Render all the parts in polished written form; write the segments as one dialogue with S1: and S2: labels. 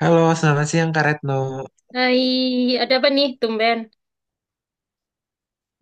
S1: Halo, selamat siang Kak Retno.
S2: Hai, ada apa nih, tumben?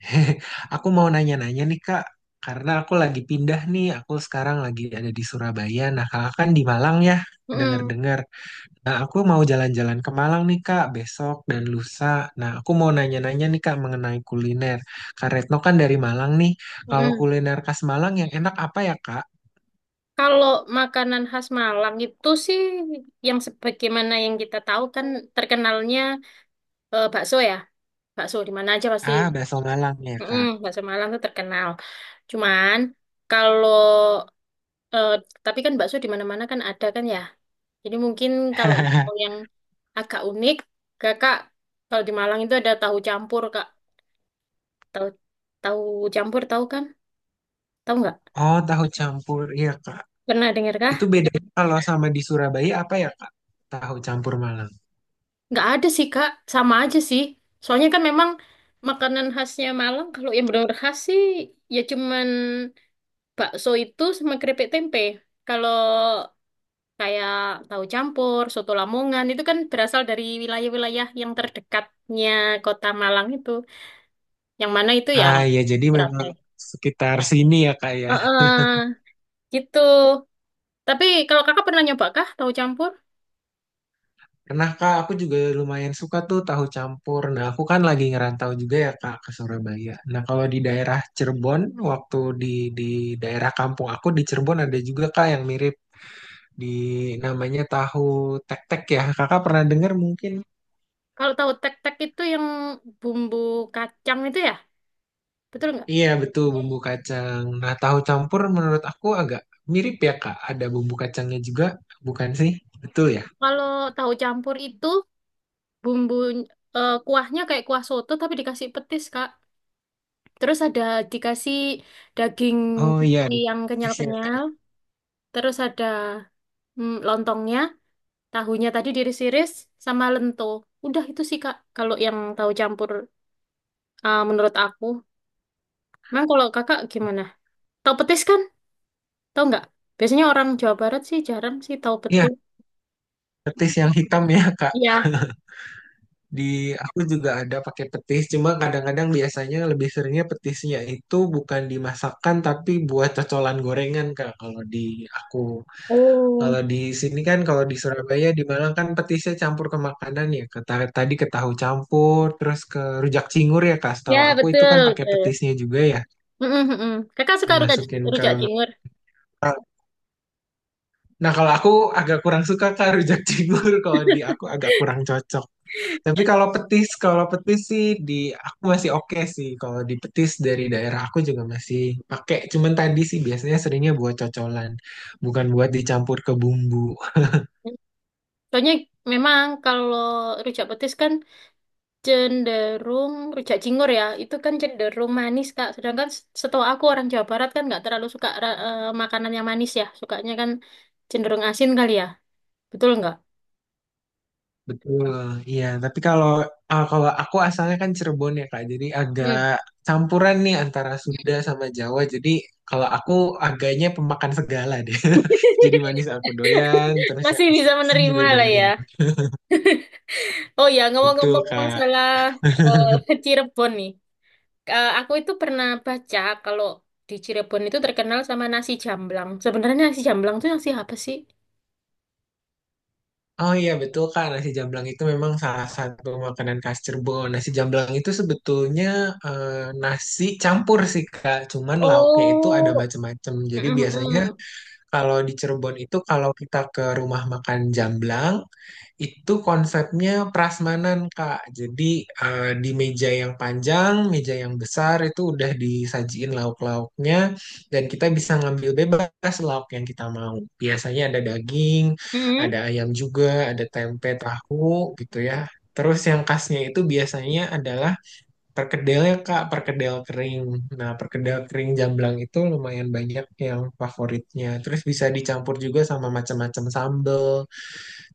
S1: Aku mau nanya-nanya nih Kak, karena aku lagi pindah nih, aku sekarang lagi ada di Surabaya. Nah, Kakak kan di Malang ya,
S2: Mm-mm,
S1: dengar-dengar. Nah, aku mau jalan-jalan ke Malang nih Kak, besok dan lusa. Nah, aku mau nanya-nanya nih Kak mengenai kuliner. Kak Retno kan dari Malang nih, kalau
S2: mm-mm.
S1: kuliner khas Malang yang enak apa ya Kak?
S2: Kalau makanan khas Malang itu sih yang sebagaimana yang kita tahu kan terkenalnya bakso ya. Bakso di mana aja pasti.
S1: Ah, bakso Malang ya
S2: Mm-mm,
S1: Kak.
S2: bakso Malang tuh terkenal. Cuman kalau eh, tapi kan bakso di mana-mana kan ada kan ya. Jadi mungkin kalau mau yang agak unik, Kakak kalau di Malang itu ada tahu campur, Kak. Tahu tahu campur tahu kan? Tahu nggak?
S1: Oh, tahu campur, iya Kak.
S2: Pernah dengar kah?
S1: Itu bedanya kalau sama di Surabaya apa ya Kak? Tahu campur Malang.
S2: Nggak ada sih Kak, sama aja sih. Soalnya kan memang makanan khasnya Malang, kalau yang benar-benar khas sih ya cuman bakso itu sama keripik tempe. Kalau kayak tahu campur, soto Lamongan itu kan berasal dari wilayah-wilayah yang terdekatnya kota Malang itu. Yang mana itu ya
S1: Ah ya jadi
S2: berapa?
S1: memang
S2: Ya?
S1: sekitar sini ya kak ya.
S2: Heeh, gitu. Tapi kalau kakak pernah nyoba kah tahu campur?
S1: Karena kak aku juga lumayan suka tuh tahu campur. Nah aku kan lagi ngerantau juga ya kak ke Surabaya. Nah kalau di daerah Cirebon waktu di daerah kampung aku di Cirebon ada juga kak yang mirip di namanya tahu tek-tek ya. Kakak pernah dengar mungkin?
S2: Kalau tahu tek-tek itu yang bumbu kacang itu ya, betul nggak?
S1: Iya betul bumbu kacang. Nah tahu campur menurut aku agak mirip ya kak. Ada bumbu kacangnya juga bukan sih? Betul ya?
S2: Kalau tahu campur itu bumbu kuahnya kayak kuah soto tapi dikasih petis Kak. Terus ada dikasih daging
S1: Oh iya,
S2: sapi
S1: ada
S2: yang
S1: sisnya,
S2: kenyal-kenyal.
S1: Kak.
S2: Terus ada lontongnya, tahunya tadi diiris-iris sama lento. Udah itu sih Kak. Kalau yang tahu campur menurut aku. Memang kalau Kakak gimana? Tahu petis kan? Tahu nggak? Biasanya orang Jawa Barat sih jarang sih tahu
S1: Iya,
S2: petis.
S1: petis yang hitam ya, Kak.
S2: Iya.
S1: Di aku juga ada pakai petis, cuma kadang-kadang biasanya lebih seringnya petisnya itu bukan dimasakkan tapi buat cocolan gorengan, Kak. Kalau di aku,
S2: Oh.
S1: kalau di sini kan kalau di Surabaya di Malang kan petisnya campur ke makanan ya. Ke, tadi ke tahu campur, terus ke rujak cingur ya, Kak. Setahu
S2: Ya,
S1: aku
S2: betul
S1: itu kan pakai
S2: betul.
S1: petisnya juga ya,
S2: Mm, mm, mm, mm. Kakak suka rujak,
S1: dimasukin ke
S2: rujak
S1: makanan.
S2: cingur.
S1: Nah, kalau aku agak kurang suka Kak rujak cingur, kalau di aku agak kurang cocok. Tapi kalau petis sih di aku masih oke sih. Kalau di petis dari daerah aku juga masih pakai. Cuman tadi sih biasanya seringnya buat cocolan, bukan buat dicampur ke bumbu.
S2: Soalnya memang kalau rujak petis kan cenderung rujak cingur ya, itu kan cenderung manis Kak. Sedangkan setahu aku orang Jawa Barat kan nggak terlalu suka makanan yang manis ya, sukanya kan cenderung asin kali ya, betul nggak?
S1: Betul. Iya, tapi kalau kalau aku asalnya kan Cirebon ya Kak. Jadi agak
S2: Hmm.
S1: campuran nih antara Sunda sama Jawa. Jadi kalau aku agaknya pemakan segala deh. Jadi manis aku doyan, terus yang
S2: Masih bisa
S1: asin juga
S2: menerima lah ya.
S1: doyan.
S2: Oh ya,
S1: Betul,
S2: ngomong-ngomong
S1: Kak.
S2: masalah Cirebon nih. Eh, aku itu pernah baca kalau di Cirebon itu terkenal sama nasi jamblang. Sebenarnya nasi jamblang itu nasi apa sih?
S1: Oh iya betul Kak, nasi jamblang itu memang salah satu makanan khas Cirebon. Nasi jamblang itu sebetulnya eh, nasi campur sih Kak, cuman lauknya itu ada
S2: Oh.
S1: macam-macam.
S2: Mm,
S1: Jadi biasanya
S2: mm,
S1: kalau di Cirebon itu kalau kita ke rumah makan jamblang, itu konsepnya prasmanan, Kak. Jadi di meja yang panjang, meja yang besar itu udah disajiin lauk-lauknya dan kita bisa ngambil bebas lauk yang kita mau. Biasanya ada daging,
S2: mm,
S1: ada ayam juga, ada tempe, tahu gitu ya. Terus yang khasnya itu biasanya adalah perkedelnya, Kak, perkedel kering. Nah, perkedel kering jamblang itu lumayan banyak yang favoritnya. Terus bisa dicampur juga sama macam-macam sambel,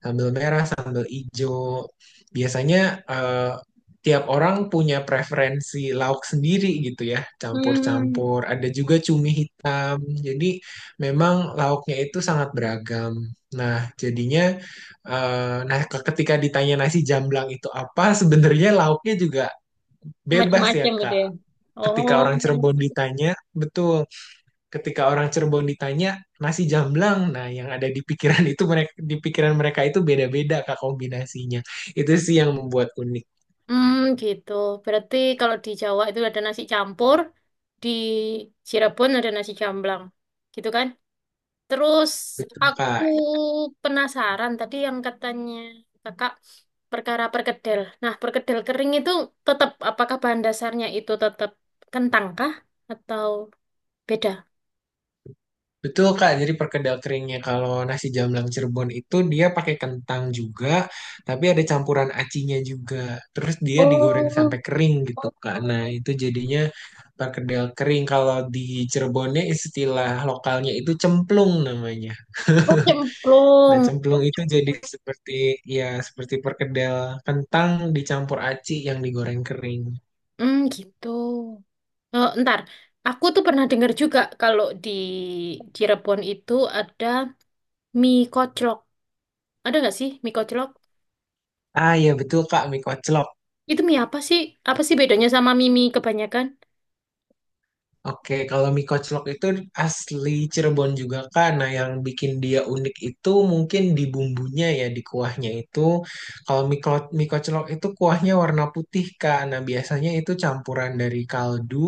S1: sambal merah, sambal hijau. Biasanya eh, tiap orang punya preferensi lauk sendiri gitu ya,
S2: mm.
S1: campur-campur. Ada juga cumi hitam. Jadi memang lauknya itu sangat beragam. Nah, jadinya eh, nah ketika ditanya nasi jamblang itu apa, sebenarnya lauknya juga bebas ya,
S2: Macam-macam gitu
S1: Kak.
S2: ya.
S1: Ketika
S2: Oh,
S1: orang Cirebon ditanya, betul, ketika orang Cirebon ditanya nasi jamblang, nah yang ada di pikiran itu mereka, di pikiran mereka itu beda-beda Kak kombinasinya. Itu sih yang membuat unik.
S2: hmm, gitu. Berarti kalau di Jawa itu ada nasi campur, di Cirebon ada nasi jamblang, gitu kan? Terus
S1: Betul
S2: aku
S1: Kak.
S2: penasaran tadi yang katanya kakak perkara perkedel. Nah, perkedel kering itu tetap apakah bahan dasarnya itu tetap kentang kah atau beda?
S1: Betul Kak. Jadi perkedel keringnya kalau nasi jamblang Cirebon itu dia pakai kentang juga, tapi ada campuran acinya juga. Terus dia digoreng
S2: Oh,
S1: sampai kering gitu Kak. Nah, itu jadinya perkedel kering kalau di Cirebonnya istilah lokalnya itu cemplung namanya.
S2: oh
S1: Nah,
S2: cemplung.
S1: cemplung itu jadi seperti ya seperti perkedel kentang dicampur aci yang digoreng kering.
S2: Hmm, gitu. Oh, ntar, aku tuh pernah dengar juga kalau di Cirebon itu ada mie koclok. Ada nggak sih mie koclok?
S1: Ah ya betul Kak, mie koclok.
S2: Itu mie apa sih? Apa sih bedanya sama mie mie kebanyakan?
S1: Oke, kalau mie koclok itu asli Cirebon juga Kak. Nah, yang bikin dia unik itu mungkin di bumbunya ya, di kuahnya itu. Kalau mie, mie koclok itu kuahnya warna putih Kak. Nah, biasanya itu campuran dari kaldu,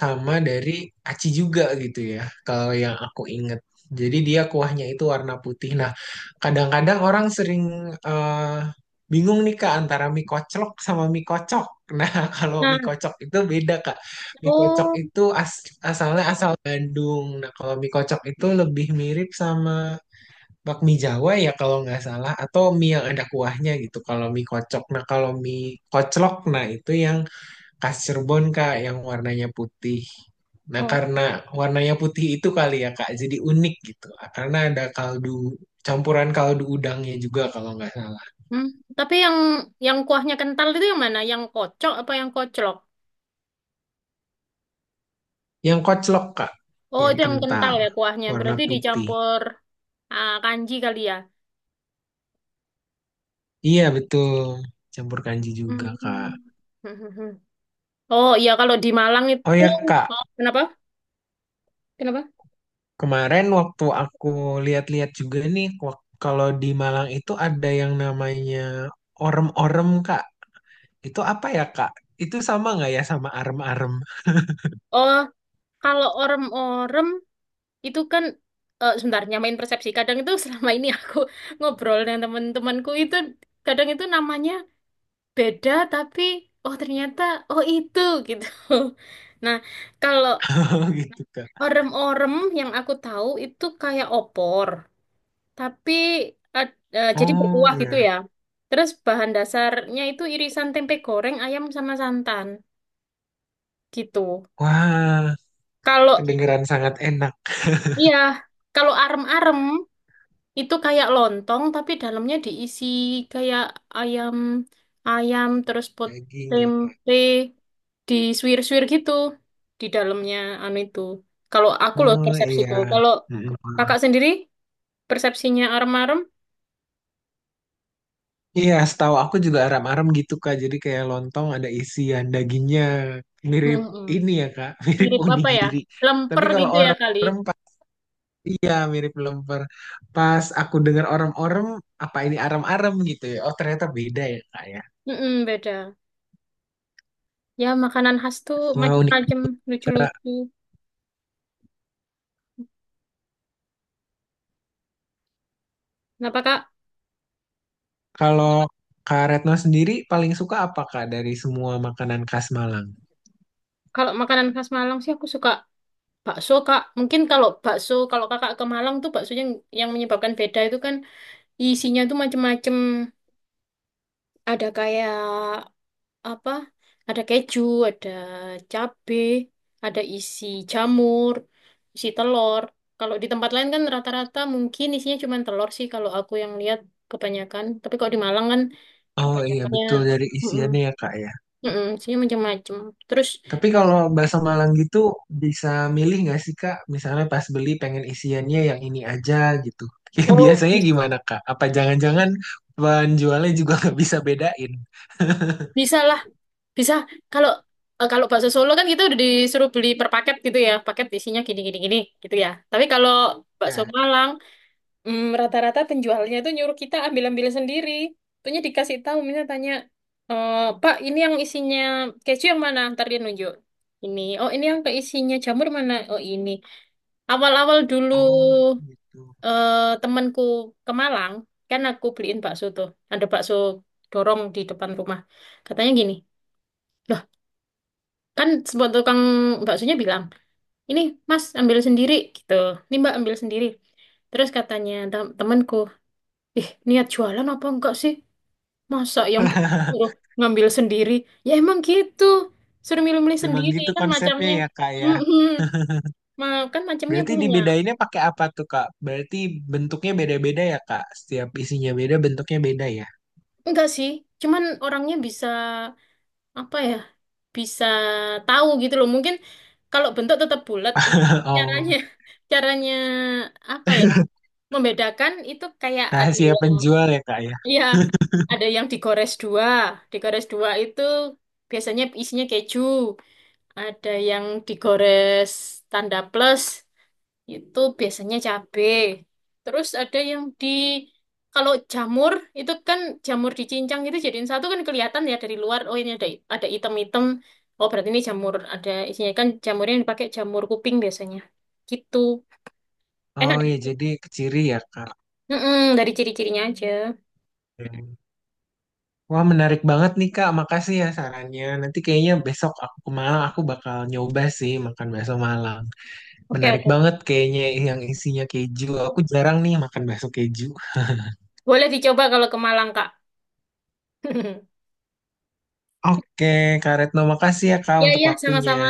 S1: sama dari aci juga gitu ya kalau yang aku inget, jadi dia kuahnya itu warna putih. Nah, kadang-kadang orang sering eh, bingung nih kak antara mie koclok sama mie kocok. Nah, kalau
S2: Nah,
S1: mie kocok itu beda kak, mie kocok
S2: oh,
S1: itu asalnya asal Bandung. Nah, kalau mie kocok itu lebih mirip sama bakmi Jawa ya kalau nggak salah, atau mie yang ada kuahnya gitu kalau mie kocok. Nah, kalau mie koclok, nah itu yang khas Cirebon Kak yang warnanya putih. Nah,
S2: oh,
S1: karena warnanya putih itu kali ya Kak, jadi unik gitu. Karena ada kaldu, campuran kaldu udangnya juga kalau nggak salah.
S2: hmm. Tapi yang kuahnya kental itu yang mana? Yang kocok apa yang koclok?
S1: Yang koclok Kak,
S2: Oh,
S1: yang
S2: itu yang kental
S1: kental,
S2: ya kuahnya.
S1: warna
S2: Berarti
S1: putih.
S2: dicampur ah, kanji kali ya.
S1: Iya betul, campur kanji juga Kak.
S2: Hmm. Oh iya, kalau di Malang
S1: Oh
S2: itu
S1: ya Kak,
S2: kenapa? Kenapa?
S1: kemarin waktu aku lihat-lihat juga nih, kalau di Malang itu ada yang namanya orem-orem Kak. Itu apa ya Kak? Itu sama nggak ya sama arem-arem
S2: Oh, kalau orem-orem itu kan sebentar nyamain persepsi kadang itu selama ini aku ngobrol dengan teman-temanku itu kadang itu namanya beda tapi oh ternyata oh itu gitu nah kalau
S1: gitu Kak?
S2: orem-orem yang aku tahu itu kayak opor tapi jadi
S1: Oh
S2: berkuah gitu
S1: iya.
S2: ya terus bahan dasarnya itu irisan tempe goreng ayam sama santan gitu
S1: Wah,
S2: kalau
S1: kedengeran sangat enak.
S2: iya kalau arem-arem itu kayak lontong tapi dalamnya diisi kayak ayam ayam terus pot
S1: Daging ya, Kak.
S2: tempe disuir-suir gitu di dalamnya anu itu. Kalau aku loh
S1: Oh
S2: persepsiku.
S1: iya.
S2: Kalau kakak
S1: Mm-mm.
S2: sendiri persepsinya arem-arem.
S1: Iya, setahu aku juga aram-aram gitu Kak. Jadi kayak lontong ada isian dagingnya mirip
S2: Mm-mm.
S1: ini ya Kak, mirip
S2: Mirip apa ya?
S1: onigiri. Tapi
S2: Lemper
S1: kalau
S2: gitu ya kali.
S1: orem-orem iya mirip lemper. Pas aku dengar orem-orem, apa ini aram-aram gitu ya? Oh, ternyata beda ya Kak ya.
S2: Mm-mm, beda. Ya makanan khas tuh
S1: Wah, unik.
S2: macam-macam lucu-lucu. Kenapa Kak?
S1: Kalau Kak Retno sendiri paling suka apa Kak dari semua makanan khas Malang?
S2: Kalau makanan khas Malang sih aku suka bakso Kak, mungkin kalau bakso kalau Kakak ke Malang tuh baksonya yang menyebabkan beda itu kan isinya tuh macem-macem. Ada kayak apa? Ada keju, ada cabe, ada isi jamur, isi telur. Kalau di tempat lain kan rata-rata mungkin isinya cuma telur sih kalau aku yang lihat kebanyakan. Tapi kalau di Malang kan
S1: Oh iya
S2: ya
S1: betul dari
S2: mm-mm,
S1: isiannya ya kak ya.
S2: mm-mm, isinya macem-macem. Terus
S1: Tapi kalau bahasa Malang gitu bisa milih nggak sih kak? Misalnya pas beli pengen isiannya yang ini aja gitu. Ya,
S2: oh,
S1: biasanya gimana kak? Apa jangan-jangan penjualnya juga nggak bisa bedain?
S2: bisa lah. Bisa kalau kalau bakso Solo kan kita udah disuruh beli per paket gitu ya, paket isinya gini gini gini gitu ya. Tapi kalau bakso
S1: Ya.
S2: Malang, hmm, rata-rata penjualnya itu nyuruh kita ambil-ambil sendiri. Tentunya dikasih tahu, misalnya tanya, "Eh, Pak, ini yang isinya keju yang mana?" Ntar dia nunjuk. "Ini, oh ini yang keisinya jamur mana? Oh ini." Awal-awal dulu
S1: Oh gitu.
S2: temanku ke Malang, kan aku beliin bakso tuh. Ada bakso dorong di depan rumah. Katanya gini. "Loh, kan semua tukang baksonya bilang ini mas ambil sendiri gitu ini mbak ambil sendiri," terus katanya temanku, "ih niat jualan apa enggak sih masa yang suruh ngambil sendiri." Ya emang gitu, suruh milih-milih
S1: Emang
S2: sendiri
S1: gitu
S2: kan
S1: konsepnya
S2: macamnya.
S1: ya kak ya.
S2: Mm-mm. Ma- kan macamnya
S1: Berarti
S2: punya
S1: dibedainnya pakai apa tuh kak? Berarti bentuknya beda-beda ya kak? Setiap isinya beda, bentuknya beda ya?
S2: enggak sih cuman orangnya bisa apa ya bisa tahu gitu loh mungkin kalau bentuk tetap bulat caranya
S1: Oh,
S2: caranya apa ya membedakan itu kayak ada
S1: rahasia
S2: yang
S1: penjual ya kak ya?
S2: ya ada yang digores dua. Digores dua itu biasanya isinya keju. Ada yang digores tanda plus itu biasanya cabe. Terus ada yang di kalau jamur itu kan jamur dicincang itu jadiin satu kan kelihatan ya dari luar. Oh ini ada item-item. Oh berarti ini jamur ada isinya kan jamurnya yang dipakai jamur kuping biasanya. Gitu.
S1: Oh
S2: Enak
S1: ya,
S2: deh.
S1: jadi ke ciri ya, Kak.
S2: Mm-mm, dari ciri-cirinya aja.
S1: Hmm. Wah, menarik banget nih, Kak. Makasih ya sarannya. Nanti kayaknya besok aku ke Malang, aku bakal nyoba sih makan bakso Malang.
S2: Oke,
S1: Menarik
S2: oke.
S1: banget kayaknya yang isinya keju. Aku jarang nih makan bakso keju.
S2: Boleh dicoba kalau ke Malang, Kak.
S1: Oke, Kak Retno, makasih ya, Kak,
S2: Ya,
S1: untuk
S2: ya,
S1: waktunya.
S2: sama-sama.